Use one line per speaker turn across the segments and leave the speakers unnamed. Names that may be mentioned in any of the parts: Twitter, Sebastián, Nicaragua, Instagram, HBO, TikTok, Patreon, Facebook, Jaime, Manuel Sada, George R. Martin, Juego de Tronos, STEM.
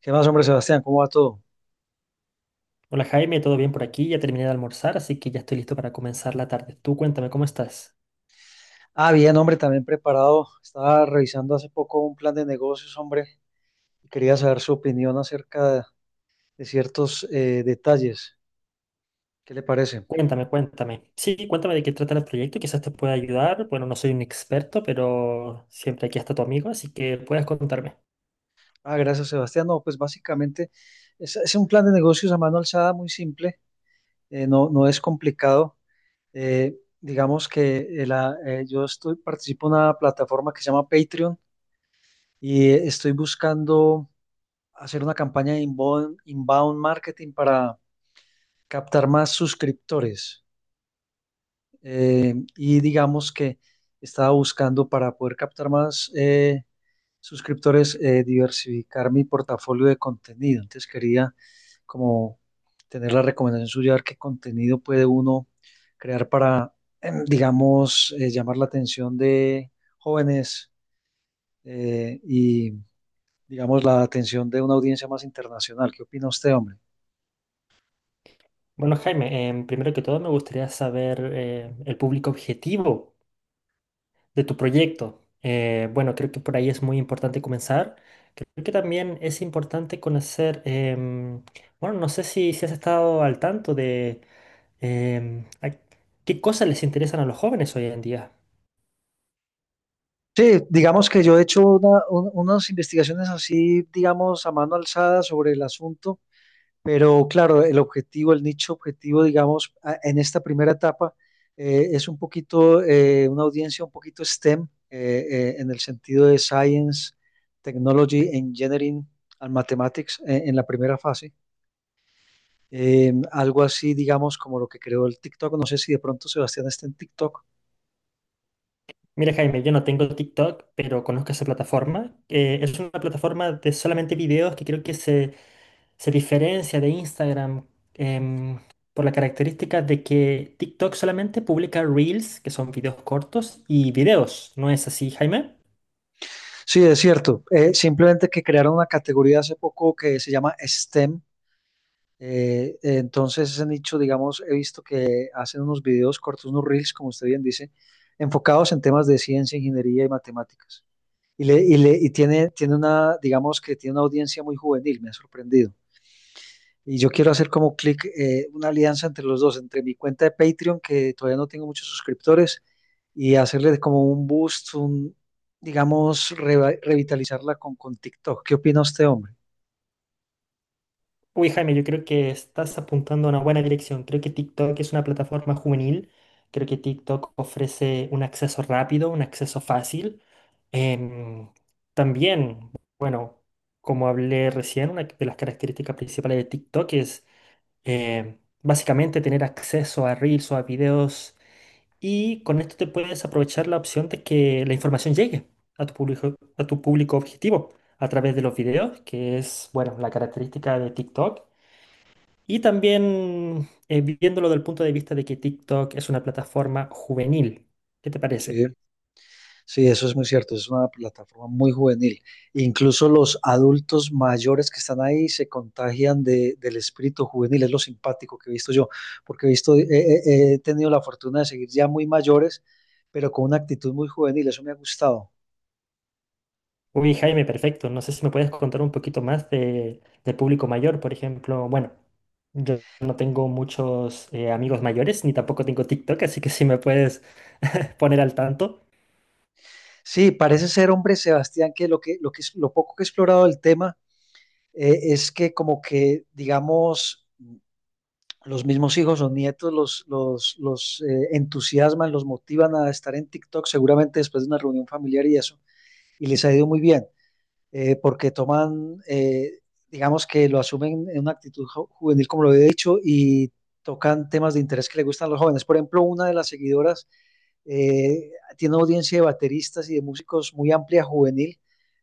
¿Qué más, hombre, Sebastián? ¿Cómo va todo?
Hola Jaime, ¿todo bien por aquí? Ya terminé de almorzar, así que ya estoy listo para comenzar la tarde. Tú cuéntame, ¿cómo estás?
Ah, bien, hombre, también preparado. Estaba revisando hace poco un plan de negocios, hombre, y quería saber su opinión acerca de ciertos detalles. ¿Qué le parece?
Cuéntame, cuéntame. Sí, cuéntame de qué trata el proyecto, quizás te pueda ayudar. Bueno, no soy un experto, pero siempre aquí está tu amigo, así que puedes contarme.
Ah, gracias, Sebastián. No, pues básicamente es un plan de negocios a mano alzada muy simple, no, no es complicado. Digamos que yo estoy, participo en una plataforma que se llama Patreon y estoy buscando hacer una campaña de inbound marketing para captar más suscriptores. Y digamos que estaba buscando para poder captar más suscriptores, diversificar mi portafolio de contenido. Entonces quería como tener la recomendación suya, a ver qué contenido puede uno crear para, digamos, llamar la atención de jóvenes y, digamos, la atención de una audiencia más internacional. ¿Qué opina usted, hombre?
Bueno, Jaime, primero que todo me gustaría saber el público objetivo de tu proyecto. Bueno, creo que por ahí es muy importante comenzar. Creo que también es importante conocer, bueno, no sé si has estado al tanto de ay, ¿qué cosas les interesan a los jóvenes hoy en día?
Sí, digamos que yo he hecho unas investigaciones así, digamos, a mano alzada sobre el asunto, pero claro, el objetivo, el nicho objetivo, digamos, en esta primera etapa es un poquito, una audiencia un poquito STEM, en el sentido de Science, Technology, Engineering and Mathematics, en la primera fase. Algo así, digamos, como lo que creó el TikTok. No sé si de pronto Sebastián está en TikTok.
Mira, Jaime, yo no tengo TikTok, pero conozco esa plataforma. Es una plataforma de solamente videos que creo que se diferencia de Instagram em, por la característica de que TikTok solamente publica reels, que son videos cortos, y videos. ¿No es así, Jaime?
Sí, es cierto. Simplemente que crearon una categoría hace poco que se llama STEM. Entonces, ese nicho, digamos, he visto que hacen unos videos cortos, unos reels, como usted bien dice, enfocados en temas de ciencia, ingeniería y matemáticas. Y tiene una, digamos que tiene una audiencia muy juvenil, me ha sorprendido. Y yo quiero hacer como clic una alianza entre los dos, entre mi cuenta de Patreon, que todavía no tengo muchos suscriptores, y hacerle como un boost, un, digamos, revitalizarla con TikTok. ¿Qué opina usted, hombre?
Uy, Jaime, yo creo que estás apuntando a una buena dirección. Creo que TikTok es una plataforma juvenil. Creo que TikTok ofrece un acceso rápido, un acceso fácil. Em, también, bueno, como hablé recién, una de las características principales de TikTok es em, básicamente tener acceso a reels o a videos, y con esto te puedes aprovechar la opción de que la información llegue a tu público objetivo a través de los videos, que es, bueno, la característica de TikTok. Y también viéndolo del punto de vista de que TikTok es una plataforma juvenil. ¿Qué te parece?
Sí, sí, eso es muy cierto. Es una plataforma muy juvenil. Incluso los adultos mayores que están ahí se contagian del espíritu juvenil. Es lo simpático que he visto yo, porque he visto, he tenido la fortuna de seguir ya muy mayores, pero con una actitud muy juvenil. Eso me ha gustado.
Uy, Jaime, perfecto. No sé si me puedes contar un poquito más de, del público mayor, por ejemplo. Bueno, yo no tengo muchos amigos mayores, ni tampoco tengo TikTok, así que si me puedes poner al tanto.
Sí, parece ser, hombre, Sebastián, que lo poco que he explorado del tema es que como que, digamos, los mismos hijos o nietos los entusiasman, los motivan a estar en TikTok, seguramente después de una reunión familiar y eso, y les ha ido muy bien, porque toman, digamos que lo asumen en una actitud juvenil, como lo he dicho, y tocan temas de interés que le gustan a los jóvenes. Por ejemplo, una de las seguidoras eh, tiene una audiencia de bateristas y de músicos muy amplia, juvenil,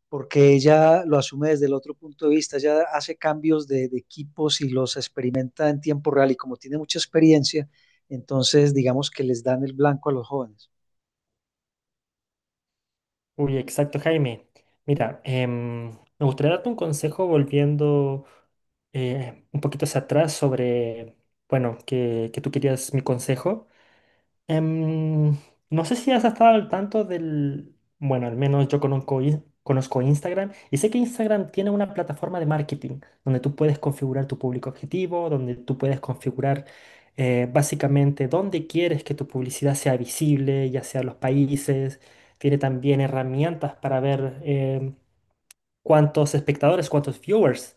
porque ella lo asume desde el otro punto de vista, ella hace cambios de equipos y los experimenta en tiempo real y como tiene mucha experiencia, entonces digamos que les dan el blanco a los jóvenes.
Uy, exacto, Jaime. Mira, me gustaría darte un consejo volviendo un poquito hacia atrás sobre, bueno, que tú querías mi consejo. Em, no sé si has estado al tanto del... Bueno, al menos yo conozco, conozco Instagram y sé que Instagram tiene una plataforma de marketing donde tú puedes configurar tu público objetivo, donde tú puedes configurar básicamente dónde quieres que tu publicidad sea visible, ya sea los países. Tiene también herramientas para ver cuántos espectadores, cuántos viewers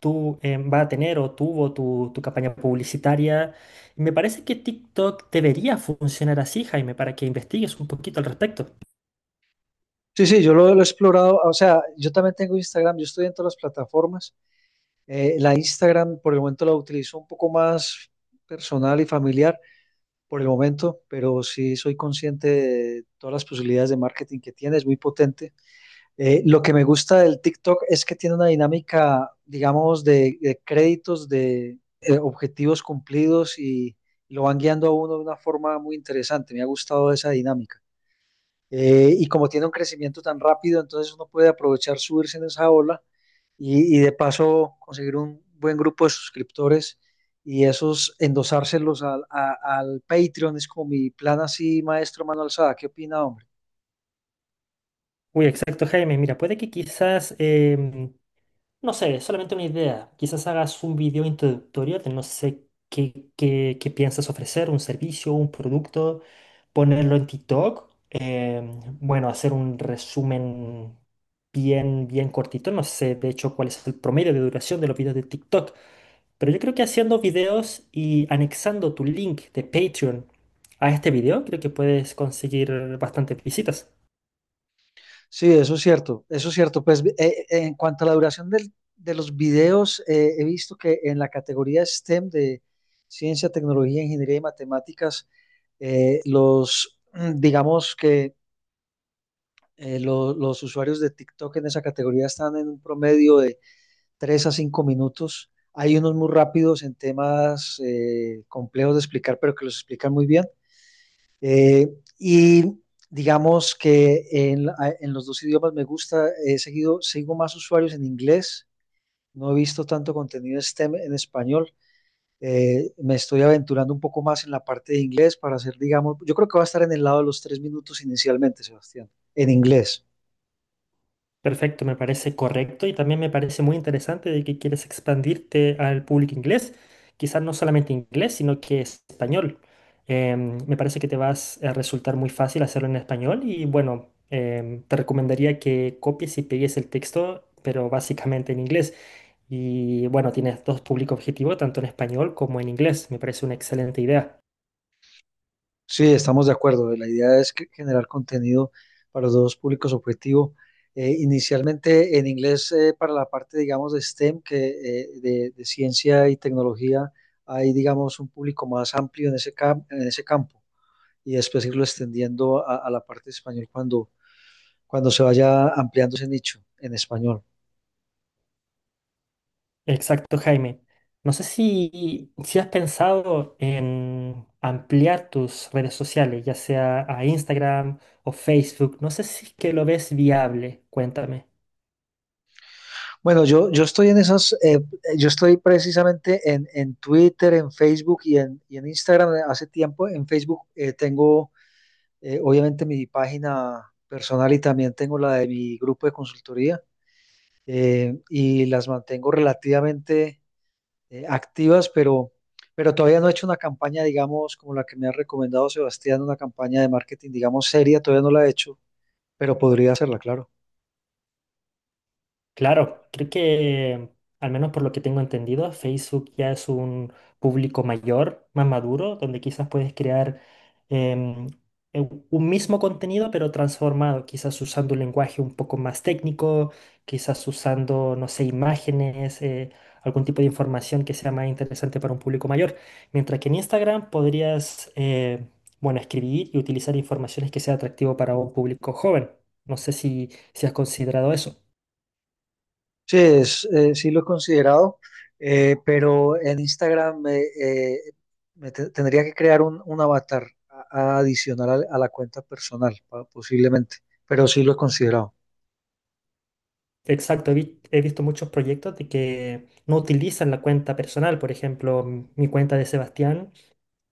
tú va a tener o tuvo tu campaña publicitaria. Y me parece que TikTok debería funcionar así, Jaime, para que investigues un poquito al respecto.
Sí, sí, lo he explorado, o sea, yo también tengo Instagram, yo estoy en todas las plataformas. La Instagram por el momento la utilizo un poco más personal y familiar por el momento, pero sí soy consciente de todas las posibilidades de marketing que tiene, es muy potente. Lo que me gusta del TikTok es que tiene una dinámica, digamos, de créditos, de objetivos cumplidos y lo van guiando a uno de una forma muy interesante. Me ha gustado esa dinámica. Y como tiene un crecimiento tan rápido, entonces uno puede aprovechar subirse en esa ola y de paso conseguir un buen grupo de suscriptores y esos endosárselos al Patreon. Es como mi plan así, maestro Manuel Sada. ¿Qué opina, hombre?
Uy, exacto, Jaime. Mira, puede que quizás no sé, solamente una idea. Quizás hagas un video introductorio de no sé qué, qué piensas ofrecer, un servicio, un producto, ponerlo en TikTok. Bueno, hacer un resumen bien cortito. No sé, de hecho, cuál es el promedio de duración de los videos de TikTok. Pero yo creo que haciendo videos y anexando tu link de Patreon a este video, creo que puedes conseguir bastantes visitas.
Sí, eso es cierto, eso es cierto. Pues en cuanto a la duración de los videos, he visto que en la categoría STEM de ciencia, tecnología, ingeniería y matemáticas, los, mm, digamos que los usuarios de TikTok en esa categoría están en un promedio de 3 a 5 minutos. Hay unos muy rápidos en temas complejos de explicar, pero que los explican muy bien. Eh, y digamos que en los dos idiomas me gusta, he seguido, sigo más usuarios en inglés, no he visto tanto contenido STEM en español. Me estoy aventurando un poco más en la parte de inglés para hacer, digamos, yo creo que va a estar en el lado de los tres minutos inicialmente, Sebastián, en inglés.
Perfecto, me parece correcto y también me parece muy interesante de que quieres expandirte al público inglés, quizás no solamente inglés, sino que es español. Me parece que te vas a resultar muy fácil hacerlo en español y bueno, te recomendaría que copies y pegues el texto, pero básicamente en inglés. Y bueno, tienes dos públicos objetivos, tanto en español como en inglés. Me parece una excelente idea.
Sí, estamos de acuerdo. La idea es que- generar contenido para los dos públicos objetivo. Inicialmente en inglés para la parte, digamos, de STEM, que de ciencia y tecnología, hay, digamos, un público más amplio en ese, en ese campo y después irlo extendiendo a la parte de español cuando, cuando se vaya ampliando ese nicho en español.
Exacto, Jaime. No sé si has pensado en ampliar tus redes sociales, ya sea a Instagram o Facebook. No sé si es que lo ves viable. Cuéntame.
Bueno, yo estoy en esas, yo estoy precisamente en Twitter, en Facebook y en Instagram hace tiempo. En Facebook tengo eh, obviamente mi página personal y también tengo la de mi grupo de consultoría y las mantengo relativamente activas, pero todavía no he hecho una campaña, digamos, como la que me ha recomendado Sebastián, una campaña de marketing, digamos, seria, todavía no la he hecho, pero podría hacerla, claro.
Claro, creo que, al menos por lo que tengo entendido, Facebook ya es un público mayor, más maduro, donde quizás puedes crear em, un mismo contenido, pero transformado, quizás usando un lenguaje un poco más técnico, quizás usando, no sé, imágenes, algún tipo de información que sea más interesante para un público mayor. Mientras que en Instagram podrías, bueno, escribir y utilizar informaciones que sea atractivo para un público joven. No sé si has considerado eso.
Sí, es, sí lo he considerado, pero en Instagram tendría que crear un avatar adicional a la cuenta personal, posiblemente, pero sí lo he considerado.
Exacto, he, he visto muchos proyectos de que no utilizan la cuenta personal. Por ejemplo, mi cuenta de Sebastián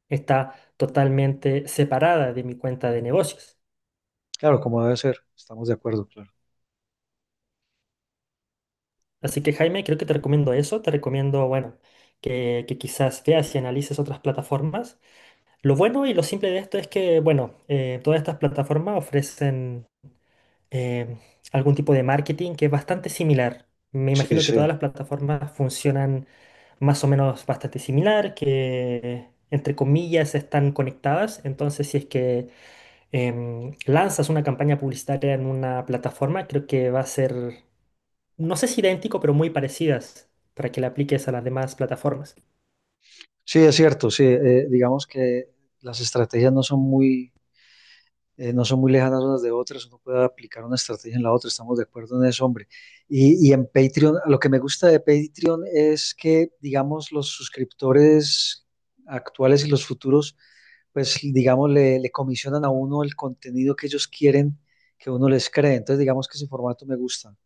está totalmente separada de mi cuenta de negocios.
Claro, como debe ser, estamos de acuerdo, claro.
Así que Jaime, creo que te recomiendo eso. Te recomiendo, bueno, que quizás veas y analices otras plataformas. Lo bueno y lo simple de esto es que, bueno, todas estas plataformas ofrecen eh, algún tipo de marketing que es bastante similar. Me
Sí,
imagino que
sí.
todas las plataformas funcionan más o menos bastante similar, que entre comillas están conectadas. Entonces, si es que lanzas una campaña publicitaria en una plataforma, creo que va a ser, no sé si idéntico, pero muy parecidas para que la apliques a las demás plataformas.
Sí, es cierto, sí. Digamos que las estrategias no son muy, no son muy lejanas unas de otras, uno puede aplicar una estrategia en la otra, estamos de acuerdo en eso, hombre. Y en Patreon, lo que me gusta de Patreon es que, digamos, los suscriptores actuales y los futuros, pues, digamos, le comisionan a uno el contenido que ellos quieren que uno les cree. Entonces, digamos que ese formato me gusta.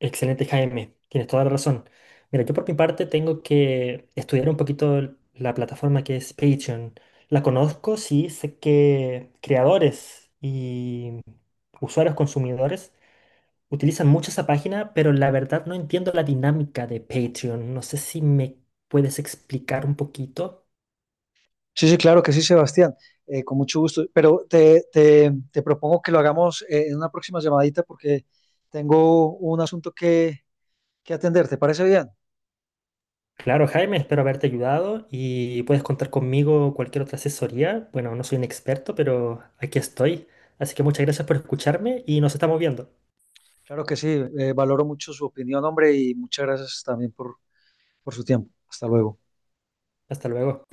Excelente, Jaime. Tienes toda la razón. Mira, yo por mi parte tengo que estudiar un poquito la plataforma que es Patreon. La conozco, sí, sé que creadores y usuarios consumidores utilizan mucho esa página, pero la verdad no entiendo la dinámica de Patreon. No sé si me puedes explicar un poquito.
Sí, sí, claro que sí, Sebastián. Con mucho gusto. Pero te propongo que lo hagamos en una próxima llamadita porque tengo un asunto que atender. ¿Te parece bien?
Claro, Jaime, espero haberte ayudado y puedes contar conmigo cualquier otra asesoría. Bueno, no soy un experto, pero aquí estoy. Así que muchas gracias por escucharme y nos estamos viendo.
Claro que sí. Valoro mucho su opinión, hombre, y muchas gracias también por su tiempo. Hasta luego.
Hasta luego.